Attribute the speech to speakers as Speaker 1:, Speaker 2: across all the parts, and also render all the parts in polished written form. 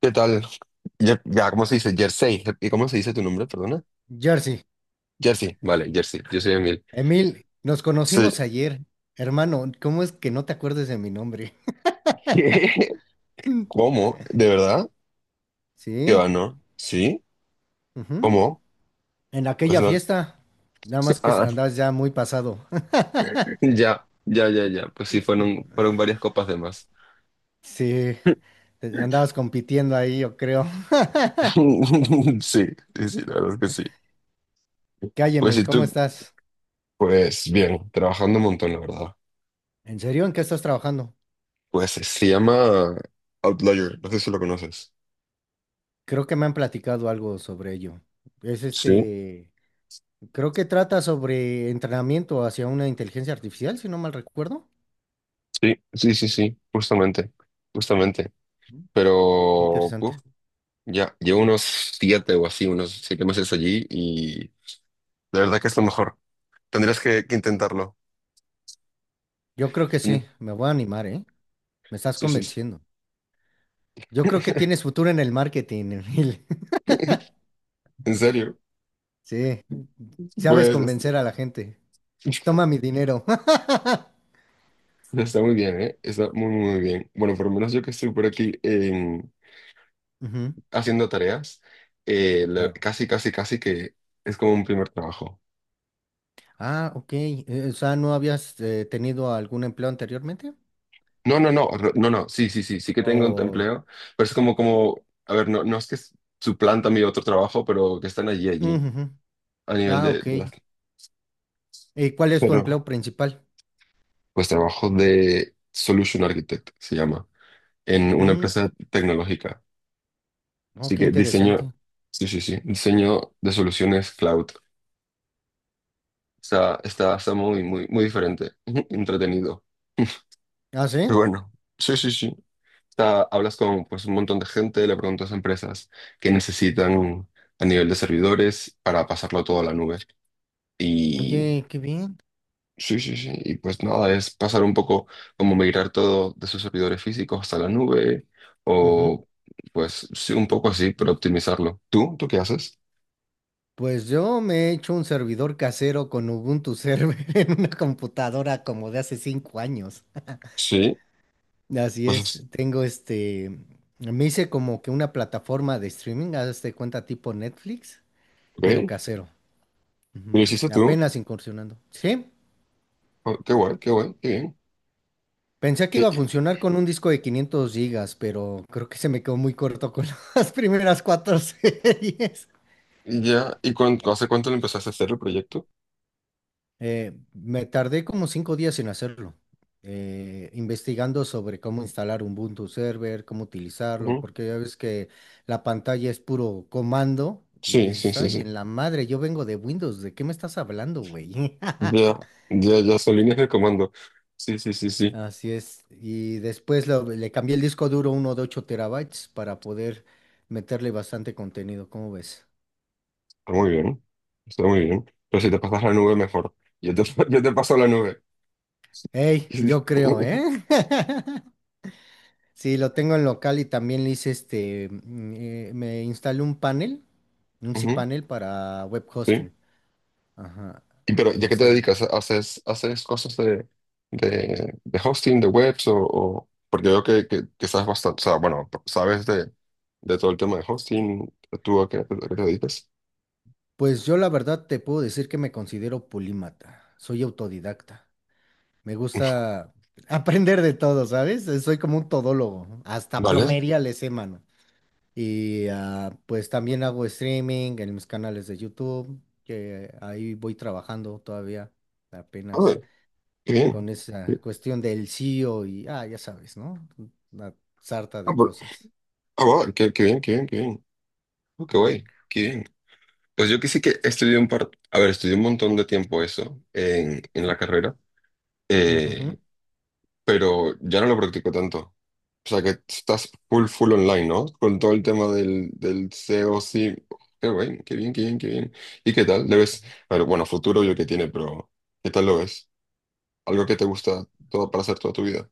Speaker 1: ¿Qué tal? Ya, ¿cómo se dice? Jersey. ¿Y cómo se dice tu nombre? Perdona.
Speaker 2: Jersey,
Speaker 1: Jersey. Vale, Jersey. Yo soy Emil.
Speaker 2: Emil, nos conocimos
Speaker 1: Sí.
Speaker 2: ayer. Hermano, ¿cómo es que no te acuerdes de mi nombre?
Speaker 1: ¿Cómo? ¿De verdad? ¿Qué va,
Speaker 2: Sí,
Speaker 1: no? ¿Sí?
Speaker 2: ujú.
Speaker 1: ¿Cómo?
Speaker 2: En
Speaker 1: Pues
Speaker 2: aquella
Speaker 1: no.
Speaker 2: fiesta, nada más que
Speaker 1: Ah,
Speaker 2: andabas ya muy pasado.
Speaker 1: ya, ya, ya, ya. Pues sí, fueron varias copas de más.
Speaker 2: Sí, andabas compitiendo ahí, yo creo.
Speaker 1: Sí, sí, sí, la verdad es que sí.
Speaker 2: ¿Qué hay,
Speaker 1: Pues
Speaker 2: Emil?
Speaker 1: sí,
Speaker 2: ¿Cómo
Speaker 1: tú,
Speaker 2: estás?
Speaker 1: pues bien, trabajando un montón, la verdad.
Speaker 2: ¿En serio? ¿En qué estás trabajando?
Speaker 1: Pues se llama Outlier, no sé si lo conoces.
Speaker 2: Creo que me han platicado algo sobre ello. Es
Speaker 1: Sí,
Speaker 2: este, creo que trata sobre entrenamiento hacia una inteligencia artificial, si no mal recuerdo.
Speaker 1: sí, sí, sí, sí, justamente, justamente. Pero puf,
Speaker 2: Interesante.
Speaker 1: ya, llevo unos siete o así, unos 7 meses allí y de verdad que es lo mejor. Tendrías que intentarlo.
Speaker 2: Yo creo que
Speaker 1: Tendr-
Speaker 2: sí, me voy a animar, ¿eh? Me estás
Speaker 1: Sí, sí. Sí.
Speaker 2: convenciendo. Yo creo que tienes futuro en el marketing, Emil.
Speaker 1: En serio,
Speaker 2: Sí, sabes
Speaker 1: pues es-
Speaker 2: convencer a la gente. Toma mi dinero.
Speaker 1: está muy bien, ¿eh? Está muy, muy, muy bien. Bueno, por lo menos yo que estoy por aquí
Speaker 2: Ujú,
Speaker 1: haciendo tareas,
Speaker 2: claro.
Speaker 1: casi, casi, casi que es como un primer trabajo.
Speaker 2: Ah, ok. O sea, ¿no habías tenido algún empleo anteriormente?
Speaker 1: No, no, no, no, no, sí, sí, sí, sí que tengo un
Speaker 2: O...
Speaker 1: empleo, pero es como, a ver, no, no es que suplanta mi otro trabajo, pero que están allí, allí.
Speaker 2: Ujú, ujú.
Speaker 1: A nivel
Speaker 2: Ah, ok.
Speaker 1: de las-
Speaker 2: ¿Y cuál es tu
Speaker 1: Pero
Speaker 2: empleo principal?
Speaker 1: pues trabajo de Solution Architect, se llama, en una
Speaker 2: Mm,
Speaker 1: empresa tecnológica.
Speaker 2: oh,
Speaker 1: Así
Speaker 2: qué
Speaker 1: que diseño,
Speaker 2: interesante.
Speaker 1: sí, sí, sí, diseño de soluciones cloud. Está muy, muy, muy diferente, entretenido.
Speaker 2: Ah,
Speaker 1: Pero
Speaker 2: sí.
Speaker 1: bueno, sí, sí, sí. Hablas con pues, un montón de gente, le preguntas a empresas qué necesitan a nivel de servidores para pasarlo todo a la nube. Y
Speaker 2: Oye, qué bien.
Speaker 1: sí, sí, sí. Y pues nada, es pasar un poco como migrar todo de sus servidores físicos hasta la nube
Speaker 2: Ujú.
Speaker 1: o pues sí, un poco así, pero optimizarlo. ¿Tú? ¿Tú qué haces?
Speaker 2: Pues yo me he hecho un servidor casero con Ubuntu Server en una computadora como de hace 5 años.
Speaker 1: Sí,
Speaker 2: Así
Speaker 1: pues
Speaker 2: es,
Speaker 1: es-
Speaker 2: tengo este, me hice como que una plataforma de streaming, hazte cuenta tipo Netflix, pero
Speaker 1: ok.
Speaker 2: casero. Ujú.
Speaker 1: ¿Lo hiciste tú?
Speaker 2: Apenas incursionando. Sí,
Speaker 1: Oh, qué guay, qué guay, qué bien.
Speaker 2: pensé que
Speaker 1: ¿Qué,
Speaker 2: iba a funcionar con un disco de 500 gigas, pero creo que se me quedó muy corto con las primeras cuatro series.
Speaker 1: ya, ¿hace cuánto lo empezaste a hacer el proyecto?
Speaker 2: Me tardé como 5 días en hacerlo, investigando sobre cómo instalar un Ubuntu Server, cómo utilizarlo,
Speaker 1: Ujú.
Speaker 2: porque ya ves que la pantalla es puro comando y
Speaker 1: Sí, sí,
Speaker 2: dices,
Speaker 1: sí,
Speaker 2: ay,
Speaker 1: sí.
Speaker 2: en la madre, yo vengo de Windows, ¿de qué me estás hablando, güey?
Speaker 1: Ya, ya, ya son líneas de comando. Sí, sí, sí, sí.
Speaker 2: Así es. Y después le cambié el disco duro uno de 8 terabytes para poder meterle bastante contenido, ¿cómo ves?
Speaker 1: Está muy bien. Está muy bien. Pero si te pasas la nube, mejor. Yo te, yo te paso la nube.
Speaker 2: Ey, yo creo, ¿eh? Sí, lo tengo en local y también le hice este, me instalé un panel, un
Speaker 1: Ujú,
Speaker 2: cPanel para web
Speaker 1: sí.
Speaker 2: hosting. Ajá.
Speaker 1: Y pero
Speaker 2: Y
Speaker 1: ¿ya qué te
Speaker 2: hacer,
Speaker 1: dedicas? ¿Haces cosas de hosting, de webs porque veo que sabes bastante, o sea, bueno, sabes de todo el tema de hosting, ¿tú a qué te dedicas?
Speaker 2: pues yo la verdad te puedo decir que me considero polímata, soy autodidacta. Me gusta aprender de todo, ¿sabes? Soy como un todólogo, ¿no? Hasta
Speaker 1: Vale.
Speaker 2: plomería le sé, mano. Y pues también hago streaming en mis canales de YouTube, que ahí voy trabajando todavía,
Speaker 1: A
Speaker 2: apenas,
Speaker 1: ver, qué
Speaker 2: con
Speaker 1: bien.
Speaker 2: esa
Speaker 1: Sí.
Speaker 2: cuestión del CEO y, ya sabes, ¿no? Una sarta
Speaker 1: Ah,
Speaker 2: de cosas.
Speaker 1: ah, wow, qué bien, qué bien, qué bien. Oh, qué
Speaker 2: Ujú.
Speaker 1: guay, qué bien. Pues yo que sí que estudié un par, a ver, estudié un montón de tiempo eso en la carrera,
Speaker 2: Ujujú.
Speaker 1: eh, pero ya no lo practico tanto. O sea que estás full, full online, ¿no? Con todo el tema del SEO, sí. Qué bien, qué bien, qué bien, qué bien. ¿Y qué tal? ¿Le ves? A ver, bueno, futuro yo que tiene, pero ¿qué tal lo ves? Algo que te gusta todo para hacer toda tu vida.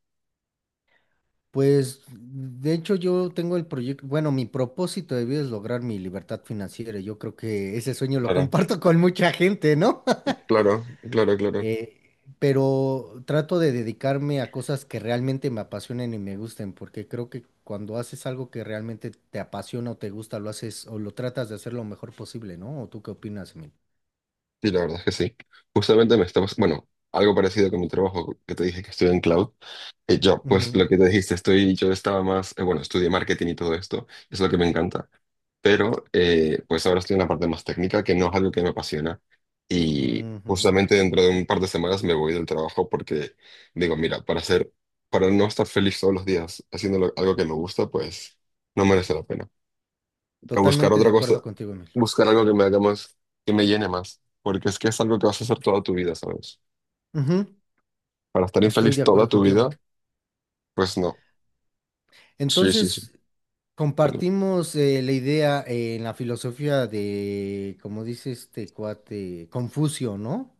Speaker 2: Pues, de hecho, yo tengo el proyecto, bueno, mi propósito de vida es lograr mi libertad financiera. Yo creo que ese sueño lo
Speaker 1: Claro,
Speaker 2: comparto con mucha gente, ¿no?
Speaker 1: claro, claro, claro.
Speaker 2: Pero trato de dedicarme a cosas que realmente me apasionen y me gusten, porque creo que cuando haces algo que realmente te apasiona o te gusta, lo haces o lo tratas de hacer lo mejor posible, ¿no? ¿O tú qué opinas, Emil?
Speaker 1: Sí, la verdad es que sí. Justamente me estabas, bueno, algo parecido con mi trabajo, que te dije que estoy en cloud. Y yo, pues
Speaker 2: Ujú,
Speaker 1: lo que te dijiste, estoy, yo estaba más, bueno, estudié marketing y todo esto, es lo que me encanta. Pero pues ahora estoy en la parte más técnica, que no es algo que me apasiona. Y
Speaker 2: ujú.
Speaker 1: justamente dentro de un par de semanas me voy del trabajo porque digo, mira, para no estar feliz todos los días haciendo algo que me gusta, pues no merece la pena. A buscar
Speaker 2: Totalmente de
Speaker 1: otra
Speaker 2: acuerdo
Speaker 1: cosa,
Speaker 2: contigo, Emil.
Speaker 1: buscar algo que me haga más, que me llene más, porque es que es algo que vas a hacer toda tu vida, ¿sabes?
Speaker 2: Ujú.
Speaker 1: Para estar
Speaker 2: Estoy
Speaker 1: infeliz
Speaker 2: de
Speaker 1: toda
Speaker 2: acuerdo
Speaker 1: tu vida,
Speaker 2: contigo.
Speaker 1: pues no. Sí, sí, sí.
Speaker 2: Entonces,
Speaker 1: Cuando-
Speaker 2: compartimos la idea en la filosofía de, como dice este cuate, Confucio, ¿no?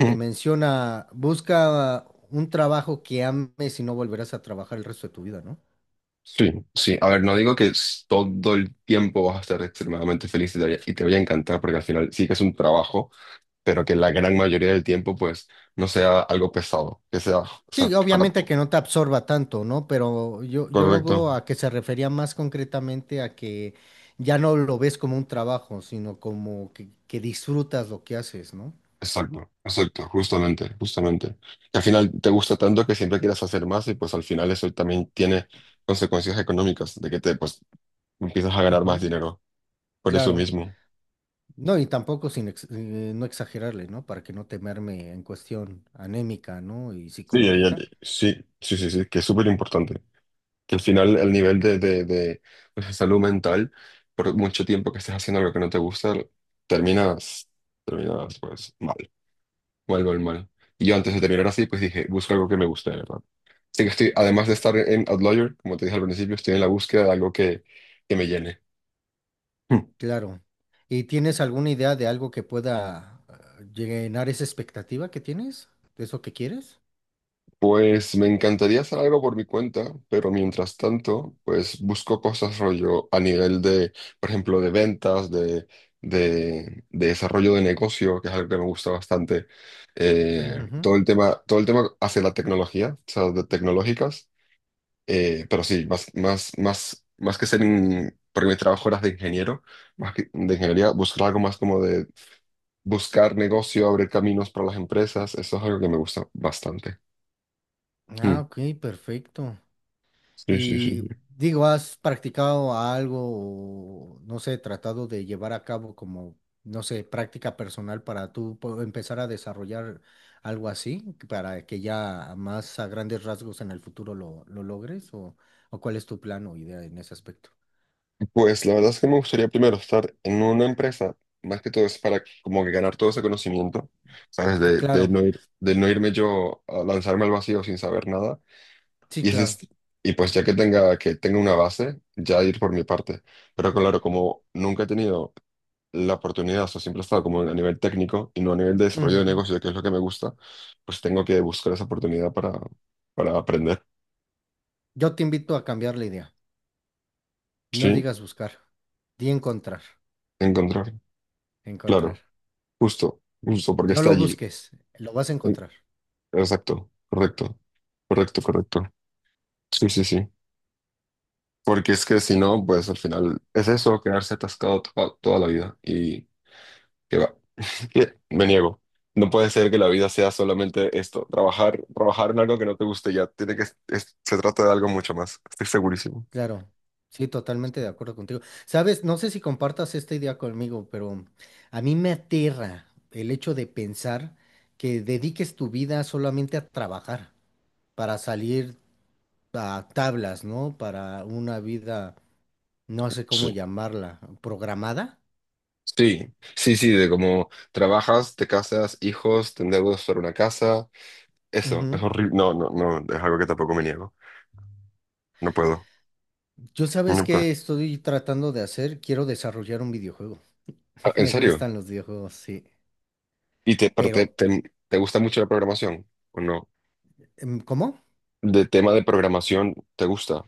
Speaker 2: Que menciona, busca un trabajo que ames y no volverás a trabajar el resto de tu vida, ¿no?
Speaker 1: Sí, sí. A ver, no digo que todo el tiempo vas a estar extremadamente feliz y te, y te vaya a encantar, porque al final sí que es un trabajo, pero que la gran mayoría del tiempo, pues, no sea algo pesado, que sea, o
Speaker 2: Sí,
Speaker 1: sea,
Speaker 2: obviamente que no te absorba tanto, ¿no? Pero yo lo veo
Speaker 1: correcto,
Speaker 2: a que se refería más concretamente a que ya no lo ves como un trabajo, sino como que disfrutas lo que haces, ¿no?
Speaker 1: exacto, exacto, justamente, justamente. Que al final te gusta tanto que siempre quieras hacer más y pues al final eso también tiene consecuencias económicas, de que te, pues, empiezas a ganar más
Speaker 2: Ujú.
Speaker 1: dinero por eso
Speaker 2: Claro.
Speaker 1: mismo.
Speaker 2: No, y tampoco sin no exagerarle, ¿no? Para que no temerme en cuestión anémica, ¿no? Y
Speaker 1: Sí,
Speaker 2: psicológica.
Speaker 1: sí, sí, sí, sí, que es súper importante. Que al final el nivel de, pues, de salud mental, por mucho tiempo que estés haciendo algo que no te gusta, terminas, terminas pues mal, mal mal mal. Y yo antes de terminar así, pues dije, busco algo que me guste, de ¿verdad? Así que estoy, además de estar en Outlier, como te dije al principio, estoy en la búsqueda de algo que me llene. Hmm.
Speaker 2: Claro. ¿Y tienes alguna idea de algo que pueda llenar esa expectativa que tienes? ¿De eso que quieres?
Speaker 1: Pues me encantaría hacer algo por mi cuenta, pero mientras tanto, pues busco cosas rollo a nivel de, por ejemplo, de ventas, de desarrollo de negocio, que es algo que me gusta bastante.
Speaker 2: Ujujú.
Speaker 1: Todo el tema hacia la tecnología, o sea, de tecnológicas. Pero sí, más, más, más, más que ser, porque mi trabajo era de ingeniero, más que de ingeniería, buscar algo más como de buscar negocio, abrir caminos para las empresas, eso es algo que me gusta bastante. Hmm.
Speaker 2: Ah, ok, perfecto.
Speaker 1: Sí, sí, sí.
Speaker 2: Y
Speaker 1: Sí.
Speaker 2: digo, ¿has practicado algo o, no sé, tratado de llevar a cabo como, no sé, práctica personal para tú empezar a desarrollar algo así, que para que ya más a grandes rasgos en el futuro lo logres? ¿O cuál es tu plan o idea en ese aspecto?
Speaker 1: Pues la verdad es que me gustaría primero estar en una empresa, más que todo es para como que ganar todo ese conocimiento, ¿sabes? De, de
Speaker 2: Claro,
Speaker 1: no ir, de no irme yo a lanzarme al vacío sin saber nada.
Speaker 2: sí,
Speaker 1: Y, ese
Speaker 2: claro.
Speaker 1: es- y pues ya que tenga, una base, ya ir por mi parte. Pero claro, como nunca he tenido la oportunidad, o sea, siempre he estado como a nivel técnico y no a nivel de
Speaker 2: Ujú,
Speaker 1: desarrollo de
Speaker 2: ujú.
Speaker 1: negocio, que es lo que me gusta, pues tengo que buscar esa oportunidad para aprender,
Speaker 2: Yo te invito a cambiar la idea. No
Speaker 1: ¿sí?
Speaker 2: digas buscar, di encontrar,
Speaker 1: Encontrar, claro,
Speaker 2: encontrar.
Speaker 1: justo, justo, porque
Speaker 2: No
Speaker 1: está
Speaker 2: lo
Speaker 1: allí.
Speaker 2: busques, lo vas a
Speaker 1: Eh,
Speaker 2: encontrar.
Speaker 1: Exacto, correcto, correcto, correcto. Sí, sí, sí. Porque es que si no, pues al final es eso, quedarse atascado toda la vida. Y que va. Que me niego. No puede ser que la vida sea solamente esto, trabajar, trabajar en algo que no te guste ya. Se trata de algo mucho más. Estoy segurísimo.
Speaker 2: Claro, sí, totalmente de acuerdo contigo. Sabes, no sé si compartas esta idea conmigo, pero a mí me aterra el hecho de pensar que dediques tu vida solamente a trabajar, para salir a tablas, ¿no? Para una vida, no sé cómo
Speaker 1: Sí.
Speaker 2: llamarla, programada.
Speaker 1: Sí, sí, sí, de cómo trabajas, te casas, hijos, te endeudas para una casa. Eso, es
Speaker 2: Ujú.
Speaker 1: horrible. No, no, no, es algo que tampoco me niego. No puedo.
Speaker 2: Yo sabes
Speaker 1: No puedo.
Speaker 2: qué estoy tratando de hacer, quiero desarrollar un videojuego.
Speaker 1: Ah, ¿en
Speaker 2: Me
Speaker 1: serio?
Speaker 2: gustan los videojuegos, sí.
Speaker 1: ¿Y te, pero
Speaker 2: Pero,
Speaker 1: te- te gusta mucho la programación o no?
Speaker 2: ¿cómo?
Speaker 1: De tema de programación, ¿te gusta?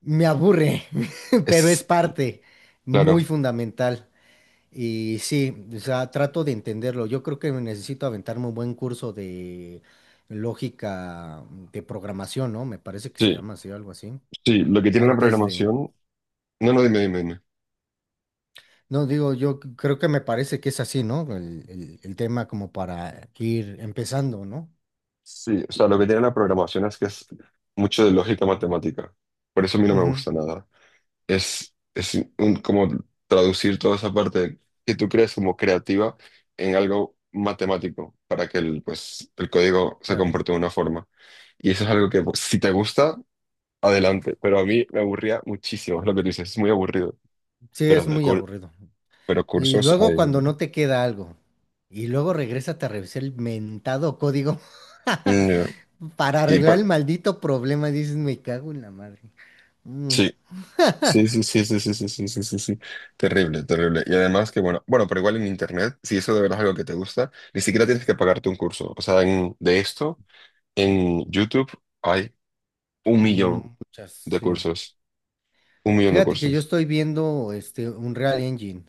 Speaker 2: Me aburre, pero es
Speaker 1: Es,
Speaker 2: parte muy
Speaker 1: claro,
Speaker 2: fundamental. Y sí, o sea, trato de entenderlo. Yo creo que necesito aventarme un buen curso de lógica de programación, ¿no? Me parece que se
Speaker 1: sí,
Speaker 2: llama así, algo así.
Speaker 1: sí, lo que tiene la
Speaker 2: Antes de...
Speaker 1: programación, no, no, dime, dime, dime.
Speaker 2: No, digo, yo creo que me parece que es así, ¿no? El tema como para ir empezando, ¿no?
Speaker 1: Sí, o sea, lo que tiene la programación es que es mucho de lógica matemática, por eso a mí no me
Speaker 2: Ujú,
Speaker 1: gusta nada. Como traducir toda esa parte que tú crees como creativa en algo matemático para que el, pues, el código se
Speaker 2: claro.
Speaker 1: comporte de una forma. Y eso es algo que, pues, si te gusta adelante, pero a mí me aburría muchísimo es lo que tú dices, es muy aburrido,
Speaker 2: Sí,
Speaker 1: pero
Speaker 2: es
Speaker 1: de
Speaker 2: muy
Speaker 1: cur-
Speaker 2: aburrido.
Speaker 1: pero
Speaker 2: Y
Speaker 1: cursos
Speaker 2: luego
Speaker 1: hay.
Speaker 2: cuando no te queda algo, y luego regresas a revisar el mentado código.
Speaker 1: Mm, ya.
Speaker 2: Para
Speaker 1: Y pa-
Speaker 2: arreglar el maldito problema, dices, me cago en la madre. Mm,
Speaker 1: sí, sí, sí, sí, sí, sí, sí, sí, sí, sí, sí. Terrible, terrible. Y además que bueno, bueno, pero igual en internet, si eso de verdad es algo que te gusta, ni siquiera tienes que pagarte un curso. O sea, de esto, en YouTube hay un
Speaker 2: mm,
Speaker 1: millón
Speaker 2: muchas,
Speaker 1: de
Speaker 2: sí.
Speaker 1: cursos, un millón de
Speaker 2: Fíjate que yo
Speaker 1: cursos.
Speaker 2: estoy viendo este Unreal Engine,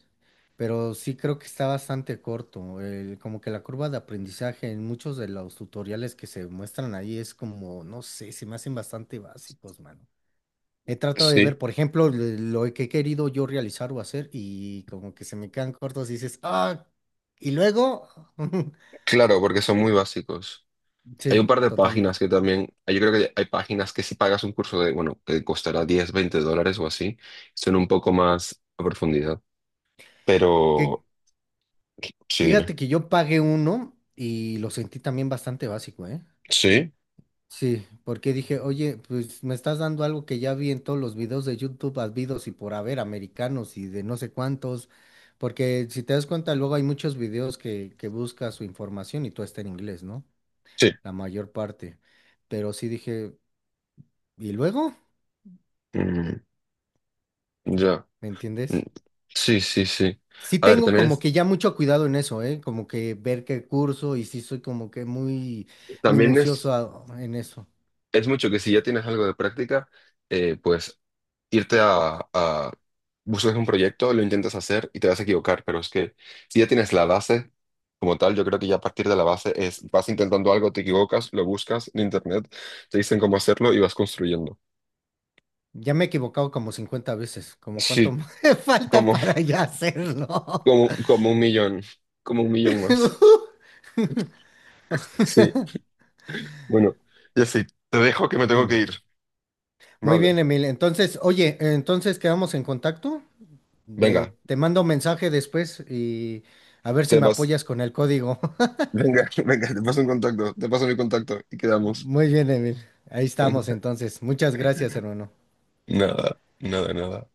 Speaker 2: pero sí creo que está bastante corto. Como que la curva de aprendizaje en muchos de los tutoriales que se muestran ahí es como, no sé, se me hacen bastante básicos, mano. He tratado de
Speaker 1: Sí,
Speaker 2: ver, por ejemplo, lo que he querido yo realizar o hacer y como que se me quedan cortos y dices, ah, y luego,
Speaker 1: claro, porque son muy básicos. Hay
Speaker 2: sí,
Speaker 1: un par de páginas
Speaker 2: totalmente.
Speaker 1: que también, yo creo que hay páginas que si pagas un curso de, bueno, que costará 10, 20 dólares o así, son un poco más a profundidad.
Speaker 2: ¿Qué?
Speaker 1: Pero, sí, dime.
Speaker 2: Fíjate que yo pagué uno y lo sentí también bastante básico, ¿eh?
Speaker 1: ¿Sí?
Speaker 2: Sí, porque dije, oye, pues me estás dando algo que ya vi en todos los videos de YouTube, habidos y por haber, americanos y de no sé cuántos, porque si te das cuenta, luego hay muchos videos que buscas su información y todo está en inglés, ¿no?
Speaker 1: Sí.
Speaker 2: La mayor parte. Pero sí dije, ¿y luego?
Speaker 1: Mm, ya.
Speaker 2: ¿Me
Speaker 1: Mm,
Speaker 2: entiendes?
Speaker 1: sí, sí, sí.
Speaker 2: Sí
Speaker 1: A ver,
Speaker 2: tengo
Speaker 1: también
Speaker 2: como
Speaker 1: es,
Speaker 2: que ya mucho cuidado en eso, ¿eh? Como que ver qué curso y sí soy como que muy
Speaker 1: también es,
Speaker 2: minucioso en eso.
Speaker 1: es mucho que si ya tienes algo de práctica, pues irte buscas un proyecto, lo intentas hacer y te vas a equivocar, pero es que si ya tienes la base como tal, yo creo que ya a partir de la base es, vas intentando algo, te equivocas, lo buscas en internet, te dicen cómo hacerlo y vas construyendo.
Speaker 2: Ya me he equivocado como 50 veces. ¿Como cuánto
Speaker 1: Sí,
Speaker 2: me falta
Speaker 1: como,
Speaker 2: para ya hacerlo?
Speaker 1: como un millón, como un millón más. Sí, bueno, ya sí, te dejo que me tengo que
Speaker 2: Dime.
Speaker 1: ir.
Speaker 2: Muy bien,
Speaker 1: Vale,
Speaker 2: Emil. Entonces, oye, entonces quedamos en contacto.
Speaker 1: venga,
Speaker 2: Te mando un mensaje después y a ver si
Speaker 1: te
Speaker 2: me
Speaker 1: vas,
Speaker 2: apoyas con el código.
Speaker 1: venga, venga, te paso un contacto, te paso mi contacto y quedamos.
Speaker 2: Muy bien, Emil. Ahí estamos entonces. Muchas gracias, hermano.
Speaker 1: Nada, nada, nada.